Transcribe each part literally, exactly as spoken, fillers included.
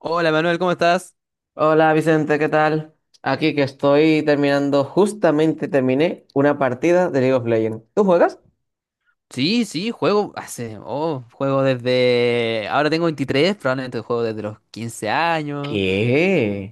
Hola Manuel, ¿cómo estás? Hola Vicente, ¿qué tal? Aquí que estoy terminando, justamente terminé una partida de League of Legends. ¿Tú juegas? Sí, sí, juego hace, oh, juego desde, ahora tengo veintitrés, probablemente juego desde los quince años, ¿Qué?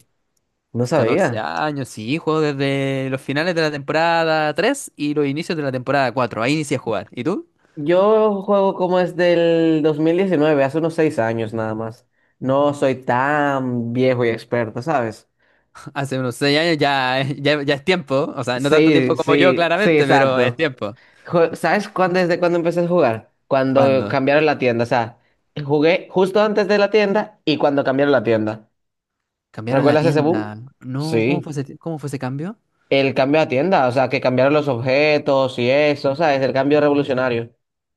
No catorce sabía. años, sí, juego desde los finales de la temporada tres y los inicios de la temporada cuatro. Ahí inicié a jugar. ¿Y tú? Yo juego como es del dos mil diecinueve, hace unos seis años nada más. No soy tan viejo y experto, ¿sabes? Hace unos seis años ya, eh, ya, ya es tiempo, o sea, no tanto Sí, tiempo como yo sí, sí, claramente, pero es exacto. tiempo. Jue- ¿Sabes cuándo, desde cuándo empecé a jugar? Cuando ¿Cuándo? cambiaron la tienda, o sea, jugué justo antes de la tienda y cuando cambiaron la tienda. Cambiaron la ¿Recuerdas ese boom? tienda. No, ¿cómo Sí. fue ese, ti- cómo fue ese cambio? El cambio a tienda, o sea, que cambiaron los objetos y eso, o sea, es el cambio revolucionario.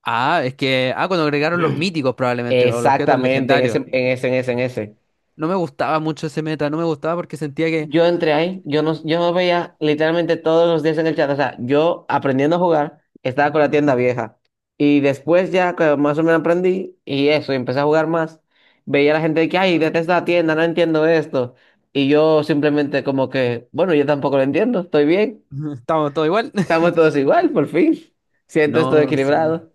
Ah, es que, ah, cuando agregaron los míticos probablemente, o los objetos Exactamente, en ese, legendarios. en ese, en ese, en ese. No me gustaba mucho ese meta, no me gustaba porque sentía que Yo entré ahí, yo no, yo no veía literalmente todos los días en el chat, o sea, yo aprendiendo a jugar, estaba con la tienda vieja. Y después ya que más o menos aprendí y eso, y empecé a jugar más, veía a la gente de que, ay, detesto la tienda, no entiendo esto. Y yo simplemente como que, bueno, yo tampoco lo entiendo, estoy bien, estábamos todo igual. estamos todos igual, por fin. Siento esto No sé. equilibrado.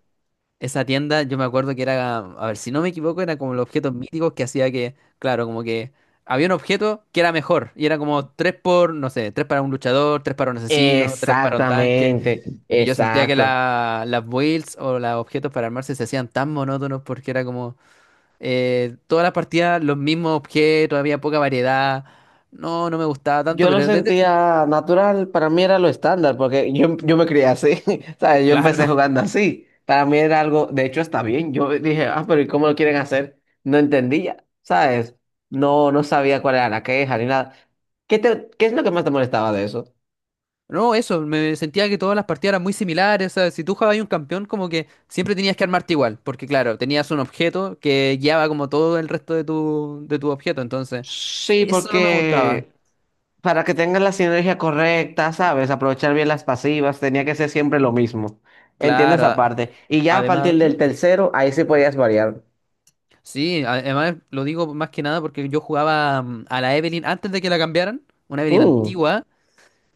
Esa tienda, yo me acuerdo que era, a ver, si no me equivoco, era como los objetos míticos que hacía que, claro, como que había un objeto que era mejor y era como tres por, no sé, tres para un luchador, tres para un asesino, tres para un tanque. Exactamente, Y yo sentía que exacto. la- las builds o los objetos para armarse se hacían tan monótonos porque era como eh, todas las partidas los mismos objetos, había poca variedad. No, no me gustaba tanto, Yo lo pero desde… sentía natural, para mí era lo estándar, porque yo, yo me crié así, ¿sabes? Yo empecé Claro. jugando así. Para mí era algo, de hecho está bien. Yo dije, ah, pero ¿y cómo lo quieren hacer? No entendía, ¿sabes? No, no sabía cuál era la queja ni nada. ¿Qué te, qué es lo que más te molestaba de eso? No, eso, me sentía que todas las partidas eran muy similares, o sea, si tú jugabas un campeón como que siempre tenías que armarte igual, porque claro, tenías un objeto que guiaba como todo el resto de tu, de tu objeto, entonces Sí, eso no me gustaba. porque para que tengas la sinergia correcta, ¿sabes? Aprovechar bien las pasivas, tenía que ser siempre lo mismo. Entiendo Claro, esa a- parte. Y ya a además, partir ¿Mm? del tercero, ahí sí podías variar. Sí, a- además lo digo más que nada porque yo jugaba mm, a la Evelynn antes de que la cambiaran, una Evelynn Mm, antigua.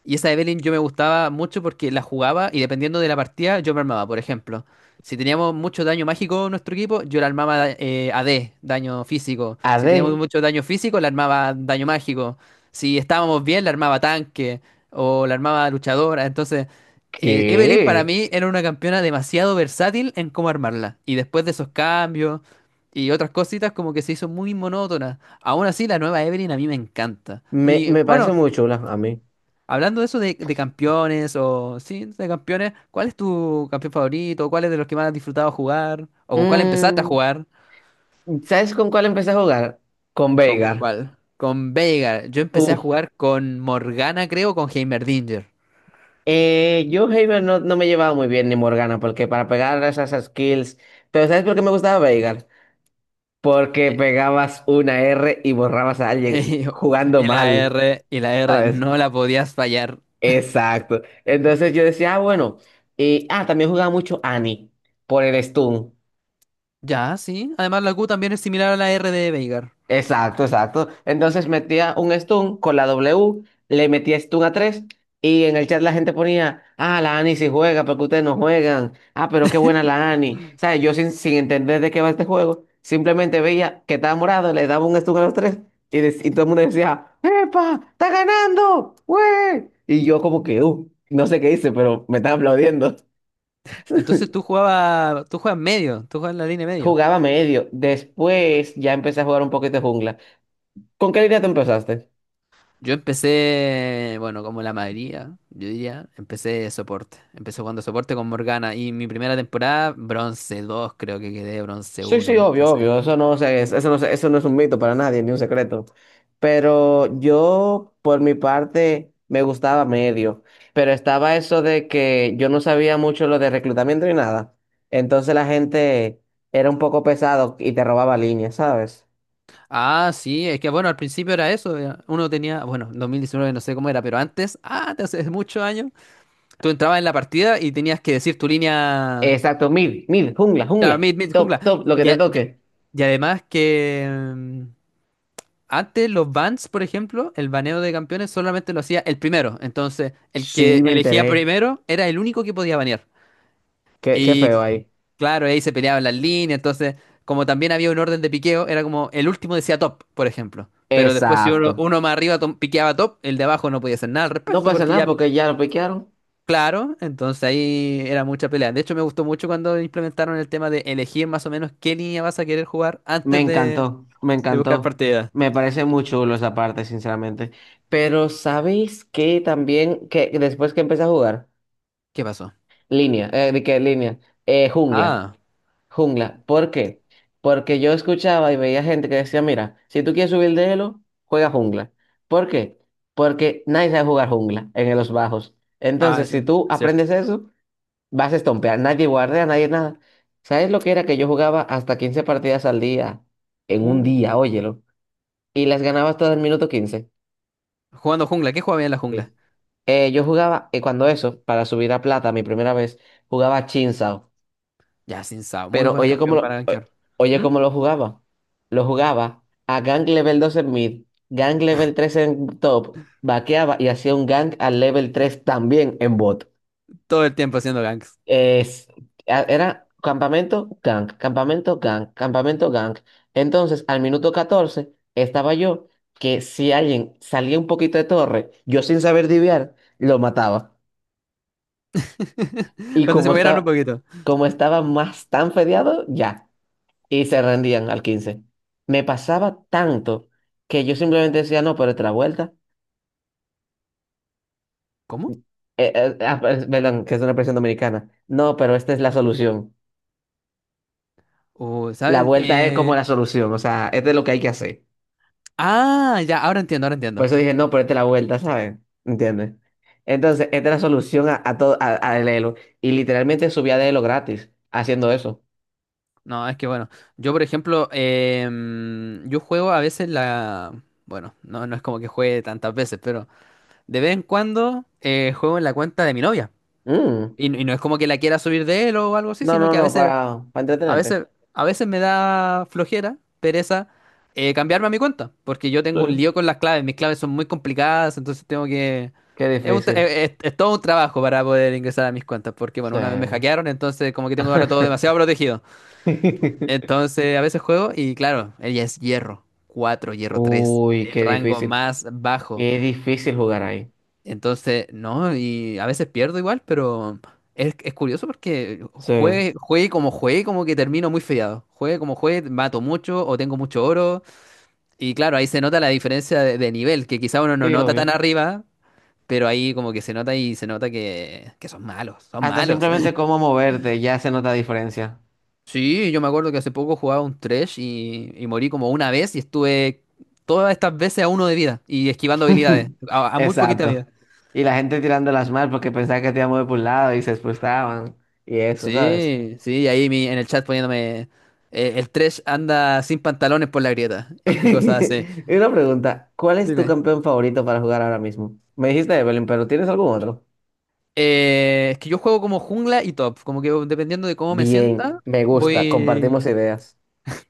Y esa Evelynn yo me gustaba mucho porque la jugaba y dependiendo de la partida yo me armaba, por ejemplo. Si teníamos mucho daño mágico en nuestro equipo, yo la armaba eh, A D, daño físico. A D, Si teníamos mucho daño físico, la armaba daño mágico. Si estábamos bien, la armaba tanque o la armaba luchadora. Entonces, eh, Evelynn para ¿qué? mí era una campeona demasiado versátil en cómo armarla. Y después de esos cambios y otras cositas, como que se hizo muy monótona. Aún así, la nueva Evelynn a mí me encanta. Me, Y me parece bueno. muy chula a mí. Hablando de eso de, de campeones o sí, de campeones, ¿cuál es tu campeón favorito? ¿Cuál es de los que más has disfrutado jugar? ¿O con cuál empezaste a Mm, jugar? ¿sabes con cuál empecé a jugar? Con ¿Con Veigar. cuál? Con Veigar. Yo empecé a Uf. jugar con Morgana, creo, con Heimerdinger. Eh, yo Heiber no, no me llevaba muy bien ni Morgana, porque para pegar esas skills. Pero ¿sabes por qué me gustaba Veigar? Porque Que- pegabas una R y borrabas a alguien jugando Y la mal. R, y la R, ¿Sabes? no la podías fallar. Exacto. Entonces yo decía, ah, bueno, y, ah, también jugaba mucho Annie por el stun. Ya, sí. Además la Q también es similar a la R de Veigar. Exacto, exacto. Entonces metía un stun con la W, le metía stun a tres y en el chat la gente ponía, ah, la Annie sí juega, porque ustedes no juegan. Ah, pero qué buena la Annie. ¿Sabes? Yo sin, sin entender de qué va este juego, simplemente veía que estaba morado, le daba un stun a los tres y, dec- y todo el mundo decía, ¡Epa! ¡Está ganando! ¡Wey! Y yo como que, uh, no sé qué hice, pero me estaba aplaudiendo. Entonces tú jugabas, tú juegas medio, tú juegas en la línea medio. Jugaba medio. Después ya empecé a jugar un poquito de jungla. ¿Con qué línea tú empezaste? Yo empecé, bueno, como la mayoría, yo diría, empecé de soporte. Empecé jugando soporte con Morgana y mi primera temporada, bronce dos, creo que quedé, bronce Sí, uno, sí, una cosa obvio, así. obvio. Eso no se- es, eso no se- eso no es un mito para nadie, ni un secreto. Pero yo, por mi parte, me gustaba medio. Pero estaba eso de que yo no sabía mucho lo de reclutamiento ni nada. Entonces la gente era un poco pesado y te robaba líneas, ¿sabes? Ah, sí, es que bueno, al principio era eso, era- uno tenía, bueno, dos mil diecinueve no sé cómo era, pero antes, ah, te hace muchos años, tú entrabas en la partida y tenías que decir tu línea, Exacto, mid, mid, jungla, claro, jungla. mid, mid, jungla. Top, top, lo que Y, te a- y- toque. y además que… mm, Antes los bans, por ejemplo, el baneo de campeones solamente lo hacía el primero. Entonces, el que Sí, me elegía enteré. primero era el único que podía banear. Qué, qué feo Y ahí. claro, ahí se peleaban las líneas. Entonces, como también había un orden de piqueo, era como el último decía top, por ejemplo. Pero después, si uno, Exacto. uno más arriba tom- piqueaba top, el de abajo no podía hacer nada al No respecto, pasa porque nada ya, porque ya lo piquearon. claro, entonces ahí era mucha pelea. De hecho, me gustó mucho cuando implementaron el tema de elegir más o menos qué línea vas a querer jugar Me antes de, encantó, me de buscar encantó. partida. Me parece muy chulo esa parte, sinceramente. Pero ¿sabéis que también, que que después que empecé a jugar, ¿Qué pasó? línea, eh, ¿de qué línea? Eh, jungla, Ah, jungla. ¿Por qué? Porque yo escuchaba y veía gente que decía, mira, si tú quieres subir de elo, juega jungla. ¿Por qué? Porque nadie sabe jugar jungla en los bajos. ah, Entonces, es- si tú Cierto. aprendes eso, vas a estompear, nadie guardea, nadie nada. ¿Sabes lo que era que yo jugaba hasta quince partidas al día en un Uh, día, óyelo? Y las ganabas todas en minuto quince. jugando jungla. ¿Qué juega bien en la jungla? Sí. Eh, yo jugaba, y cuando eso, para subir a plata, mi primera vez, jugaba Chinsao. Ya, sin Sao. Muy Pero buen oye cómo campeón para lo, o- gankear. oye ¿Mm? cómo lo jugaba. Lo jugaba a Gang Level dos en mid, Gang Level tres en top, vaqueaba y hacía un Gang al Level tres también en bot. Todo el tiempo haciendo ganks. Es, a- era campamento gang, campamento gang, campamento gang. Entonces, al minuto catorce estaba yo que si alguien salía un poquito de torre, yo sin saber diviar, lo mataba. Y Cuando se como movieran un estaba, poquito. como estaba más tan fedeado, ya. Y se rendían al quince. Me pasaba tanto que yo simplemente decía, no, pero otra vuelta. ¿Cómo? Eh, eh, ah, per- perdón, que es una expresión dominicana. No, pero esta es la solución. Uh, La ¿sabes? vuelta es Eh, como la solución, o sea, este es lo que hay que hacer. Ah, ya, ahora entiendo, ahora Por entiendo. eso dije, no, ponete la vuelta, ¿sabes? ¿Entiendes? Entonces, esta es la solución a, a todo, a- al Elo. Y literalmente subía de Elo gratis haciendo eso. No, es que bueno, yo por ejemplo, em, yo juego a veces la… Bueno, no, no es como que juegue tantas veces, pero de vez en cuando eh, juego en la cuenta de mi novia. Mm. Y, y no es como que la quiera subir de él o algo así, No, sino no, que a no, veces para, para a entretenerte. veces, a veces me da flojera, pereza, eh, cambiarme a mi cuenta, porque yo tengo un Sí. lío con las claves, mis claves son muy complicadas, entonces tengo que… Qué Es, un tra- difícil. eh, es- es todo un trabajo para poder ingresar a mis cuentas, porque bueno, Sí. una vez me hackearon, entonces como que tengo ahora todo demasiado protegido. Entonces a veces juego y claro, ella es hierro cuatro, hierro tres, Uy, el qué rango difícil. más bajo. Qué difícil jugar ahí. Entonces, no, y a veces pierdo igual, pero es, es curioso porque Sí. juegue, juegue como juegue, como que termino muy fiado. Juegue como juegue, mato mucho o tengo mucho oro. Y claro, ahí se nota la diferencia de, de nivel, que quizá uno no Sí, nota obvio. tan arriba, pero ahí como que se nota y se nota que, que son malos, son Hasta malos. simplemente cómo moverte, ya se nota diferencia. Sí, yo me acuerdo que hace poco jugaba un Thresh y, y morí como una vez y estuve todas estas veces a uno de vida y esquivando habilidades, a a muy poquita vida. Exacto. Y la gente tirándolas mal porque pensaba que te iba a mover por un lado y se frustraban y eso, ¿sabes? Sí, sí, ahí mi- en el chat poniéndome eh, el trash anda sin pantalones por la grieta y cosas así. Y una pregunta, ¿cuál es tu Dime. campeón favorito para jugar ahora mismo? Me dijiste Evelyn, pero ¿tienes algún otro? Eh, es que yo juego como jungla y top, como que dependiendo de cómo me sienta, Bien, me gusta, compartimos voy… ideas.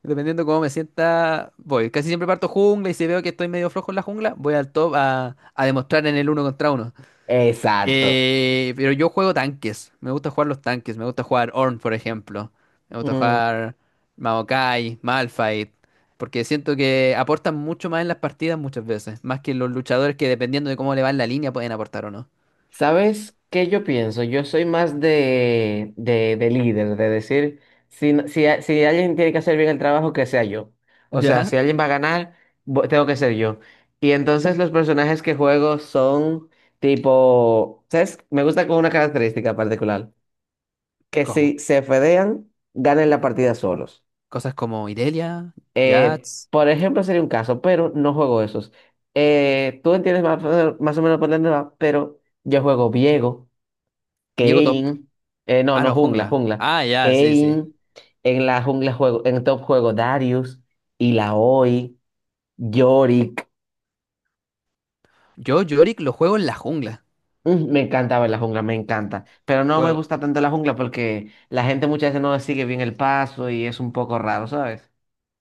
Dependiendo de cómo me sienta, voy. Casi siempre parto jungla y si veo que estoy medio flojo en la jungla, voy al top a, a demostrar en el uno contra uno. Exacto. Eh, pero yo juego tanques. Me gusta jugar los tanques. Me gusta jugar Ornn, por ejemplo. Me gusta jugar Maokai, Malphite. Porque siento que aportan mucho más en las partidas muchas veces. Más que los luchadores que dependiendo de cómo le va en la línea pueden aportar o no. ¿Sabes qué yo pienso? Yo soy más de, de, de líder, de decir, si, no- si, a- si alguien tiene que hacer bien el trabajo, que sea yo. O sea, si ¿Ya? alguien va a ganar, vo- tengo que ser yo. Y entonces los personajes que juego son tipo, ¿sabes? Me gusta con una característica particular, que si ¿Cómo? se fedean, ganen la partida solos. Cosas como Irelia, Eh, Jax, Por ejemplo, sería un caso, pero no juego esos. Eh, tú entiendes más, o- más o menos por dónde va, pero yo juego Viego. Viego top. Kane, eh, no, Ah, no, no, jungla, jungla. jungla. Ah, ya, sí, sí. Kane, en la jungla juego, en top juego Darius, Illaoi, Yorick. Yo Yorick lo juego en la jungla. Mm, Me encantaba en la jungla, me encanta. Pero no me Juego gusta tanto la jungla porque la gente muchas veces no sigue bien el paso y es un poco raro, ¿sabes?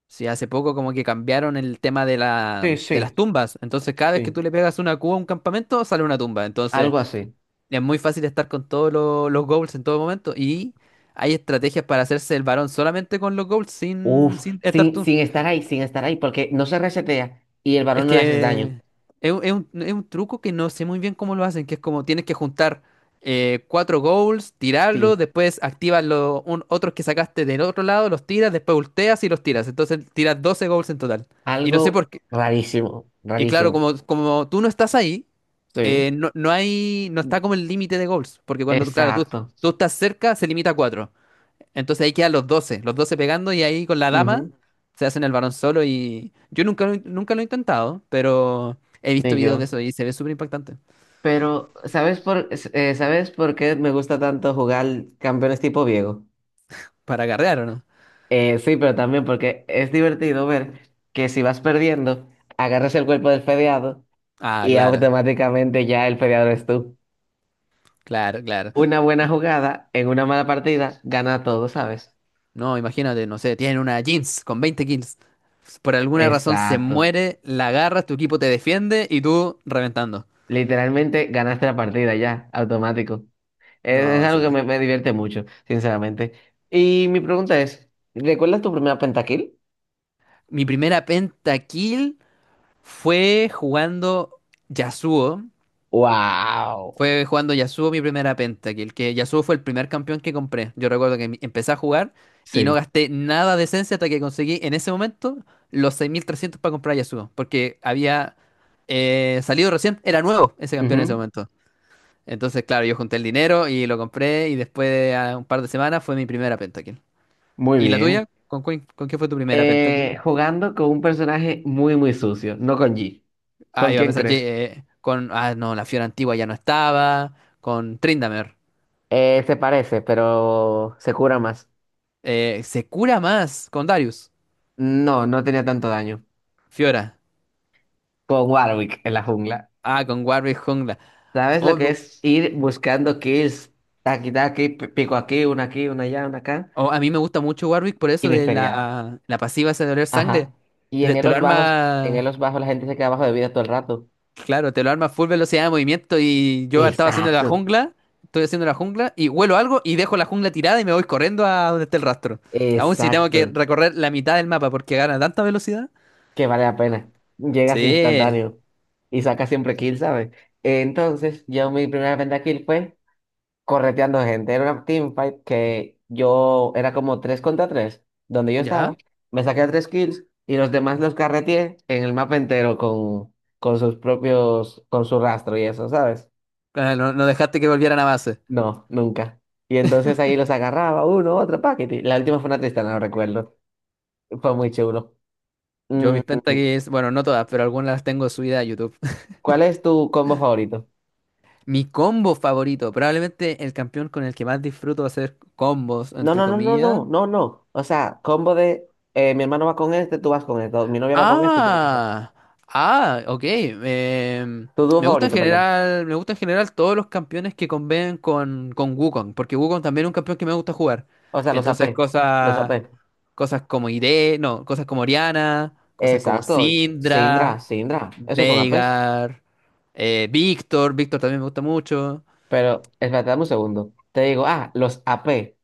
sí, hace poco como que cambiaron el tema de la, Sí, de las sí, tumbas. Entonces, cada vez que tú sí. le pegas una cuba a un campamento, sale una tumba. Entonces, Algo así. es muy fácil estar con todos lo- los goals en todo momento. Y hay estrategias para hacerse el varón solamente con los goals, sin, Uf, sin estar sin, tú. sin estar ahí, sin estar ahí, porque no se resetea y el Es varón no le haces daño. que es, un, es un- Es un truco que no sé muy bien cómo lo hacen, que es como tienes que juntar eh, cuatro goals, tirarlos, Sí, después activas los un- otros que sacaste del otro lado, los tiras, después volteas y los tiras. Entonces, tiras doce goals en total. Y no sé algo por qué. rarísimo, Y claro, rarísimo. como, como tú no estás ahí, Sí. eh, no, no hay, no está como el límite de goals, porque cuando, tú- claro, tú, Exacto. tú estás cerca, se limita a cuatro. Entonces ahí quedan los doce, los doce pegando y ahí con la dama Ujú. se hacen el varón solo y yo nunca, lo- nunca lo he intentado, pero he visto Ni videos de yo. eso y se ve súper impactante. Pero, ¿sabes por, s- eh, ¿sabes por qué me gusta tanto jugar campeones tipo viejo? ¿Para agarrear o no? Eh, sí, pero también porque es divertido ver que si vas perdiendo, agarras el cuerpo del fedeado Ah, y claro, automáticamente ya el fedeado eres tú. claro, claro. Una buena jugada en una mala partida gana todo, ¿sabes? No, imagínate, no sé, tienen una jeans con veinte kills. Por alguna razón se Exacto. muere, la agarras, tu equipo te defiende y tú reventando. Literalmente ganaste la partida ya, automático. Es, es No algo sé. que me, me divierte mucho, sinceramente. Y mi pregunta es, ¿recuerdas tu primera pentakill? Mi primera pentakill fue jugando Yasuo. ¡Wow! Fue jugando Yasuo mi primera pentakill. Que Yasuo fue el primer campeón que compré. Yo recuerdo que mi- empecé a jugar y Sí. no gasté nada de esencia hasta que conseguí en ese momento los seis mil trescientos para comprar Yasuo. Porque había eh, salido recién, era nuevo ese campeón en ese Ujú, momento. Entonces, claro, yo junté el dinero y lo compré y después de ah, un par de semanas fue mi primera pentakill. muy ¿Y la bien. tuya? ¿Con, cuál- con qué fue tu primera pentakill? Eh, jugando con un personaje muy, muy sucio, no con G. Ah, ¿Con iba a quién pensar, Jay, crees? eh, con. Ah, no, la Fiora antigua ya no estaba. Con Tryndamere. Eh, se parece, pero se cura más. Eh, se cura más con Darius. No, no tenía tanto daño. Fiora. Con Warwick en la jungla. Ah, con Warwick jungla. ¿Sabes lo que Oh, es ir buscando kills? Taqui, taqui, pi- pico aquí, una aquí, una allá, una acá. oh, a mí me gusta mucho Warwick por Y eso me de feriaba. la, la pasiva esa de oler sangre. Ajá. Y Te, en te lo elos bajos, en arma. elos bajos la gente se queda abajo de vida todo el rato. Claro, te lo arma full velocidad de movimiento. Y yo estaba haciendo la Exacto. jungla. Estoy haciendo la jungla. Y huelo algo y dejo la jungla tirada y me voy corriendo a donde está el rastro. Aún si tengo que Exacto. recorrer la mitad del mapa porque gana tanta velocidad. Que vale la pena. Llegas Sí. instantáneo y sacas siempre kill, ¿sabes? Entonces, yo mi primera venta kill fue correteando gente. Era una teamfight que yo era como tres contra tres donde yo ¿Ya? estaba. Me saqué a tres kills y los demás los carreteé en el mapa entero con, con sus propios, con su rastro y eso, ¿sabes? Ah, no, no dejaste que volvieran a base. No, nunca. Y entonces ahí los agarraba uno, otro, paquete. La última fue una tristana, no recuerdo. Fue muy chulo. Yo Mm, mis pentakills, bueno, no todas, pero algunas las tengo subidas a YouTube. ¿Cuál es tu combo favorito? Mi combo favorito, probablemente el campeón con el que más disfruto hacer combos, No, entre no, no, no, comillas, no, no, no. O sea, combo de eh, mi hermano va con este, tú vas con este, o mi novia va con este, tú con este. Ah, ah, ok. em, Tu dúo Me gusta en favorito, perdón. general, me gusta en general todos los campeones que conviven con, con Wukong, porque Wukong también es un campeón que me gusta jugar. O sea, los Entonces, A P. Los cosas, A P. cosas como Ire, no, cosas como Orianna, cosas como Exacto. Syndra, Sindra, Sindra. Esos son A Ps. Veigar, eh, Víctor, Víctor también me gusta mucho. Pero, espérate, dame un segundo. Te digo, ah, los A P.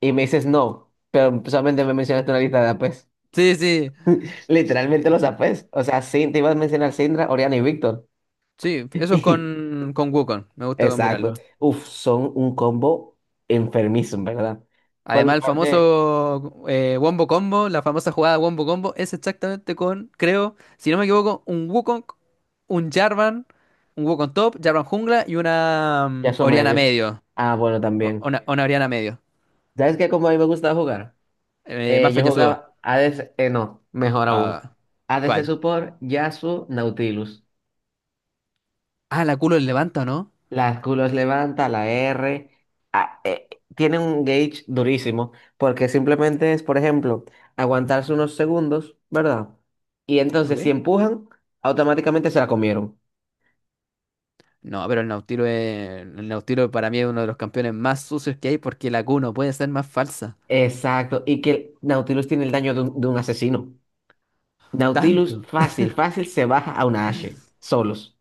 Y me dices no, pero solamente me mencionaste una lista de A Ps. Sí, sí, Literalmente los A Ps. O sea, sí, te ibas a mencionar Sindra, Oriana y Víctor. sí, eso es con, con Wukong, me gusta Exacto. combinarlo. Uf, son un combo enfermizo, en verdad. Por mi Además, el parte. famoso eh, Wombo Combo, la famosa jugada Wombo Combo, es exactamente con, creo, si no me equivoco, un Wukong, un Jarvan, un Wukong top, Jarvan jungla y una mm, Ya son Oriana medio. medio. Ah, bueno, O- también. una, una Oriana medio. ¿Sabes qué? Como a mí me gustaba jugar. Eh, Eh, más yo Yasuo. jugaba A ADC, eh, no, mejor aún. Ah, A D C ¿cuál? Support, Yasuo, Nautilus. Ah, la culo el levanta, ¿o ¿no? Las culos levanta, la R. ah, eh, Tiene un gauge durísimo, porque simplemente es, por ejemplo, aguantarse unos segundos, ¿verdad? Y entonces si Ok. empujan, automáticamente se la comieron. No, pero el Nautilo es, el Nautilo para mí es uno de los campeones más sucios que hay porque la Q no puede ser más falsa. Exacto, y que Nautilus tiene el daño de un, de un asesino. Nautilus Tanto. fácil, fácil se baja a una Ashe, solos.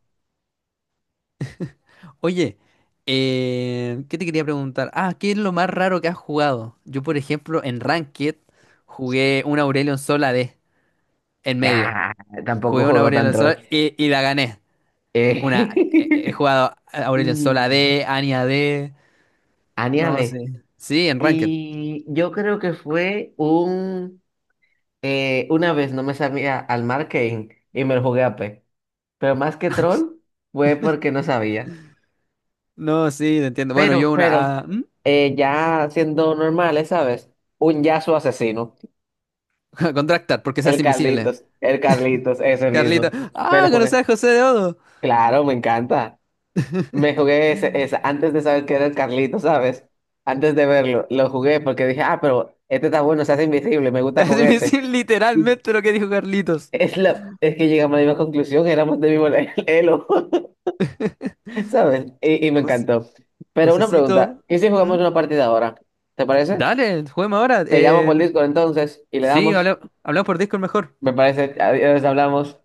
Oye, eh, ¿qué te quería preguntar? Ah, ¿qué es lo más raro que has jugado? Yo, por ejemplo, en Ranked jugué una Aurelion Sol a D en medio. Ah, tampoco Jugué una juego tan Aurelion troll. Sol y, y la gané. Una, eh, he Eh, jugado Aurelion Sol a mm, AD, Annie A D, no añade. sé. Sí, en Ranked. Y yo creo que fue un. Eh, una vez no me sabía al Marketing y me lo jugué a P. Pero más que troll fue porque no sabía. No, sí, te entiendo. Bueno, yo Pero, pero, una… ah, ¿hmm? eh, ya siendo normales, ¿sabes? Un Yasuo asesino. Contractar, porque se hace El invisible. Carlitos, el Carlitos, ese Carlitos. mismo. Me Ah, lo conocer a jugué. José de Odo. Claro, me encanta. Me jugué ese, esa antes de saber que era el Carlito, ¿sabes? Antes de verlo, lo jugué porque dije, ah, pero este está bueno, se hace invisible, me Se gusta hace con este. invisible Y literalmente lo que dijo Carlitos. es, la, es que llegamos a la misma conclusión, éramos del mismo le- elo, ¿sabes? Y, y me José, encantó. Pero una pregunta, Josecito. ¿y si jugamos ¿Hmm? una partida ahora? ¿Te parece? Dale, juguemos ahora. Te llamo Eh, por Discord entonces y le Sí, damos, habla- hablamos por Discord mejor. me parece, adiós, hablamos.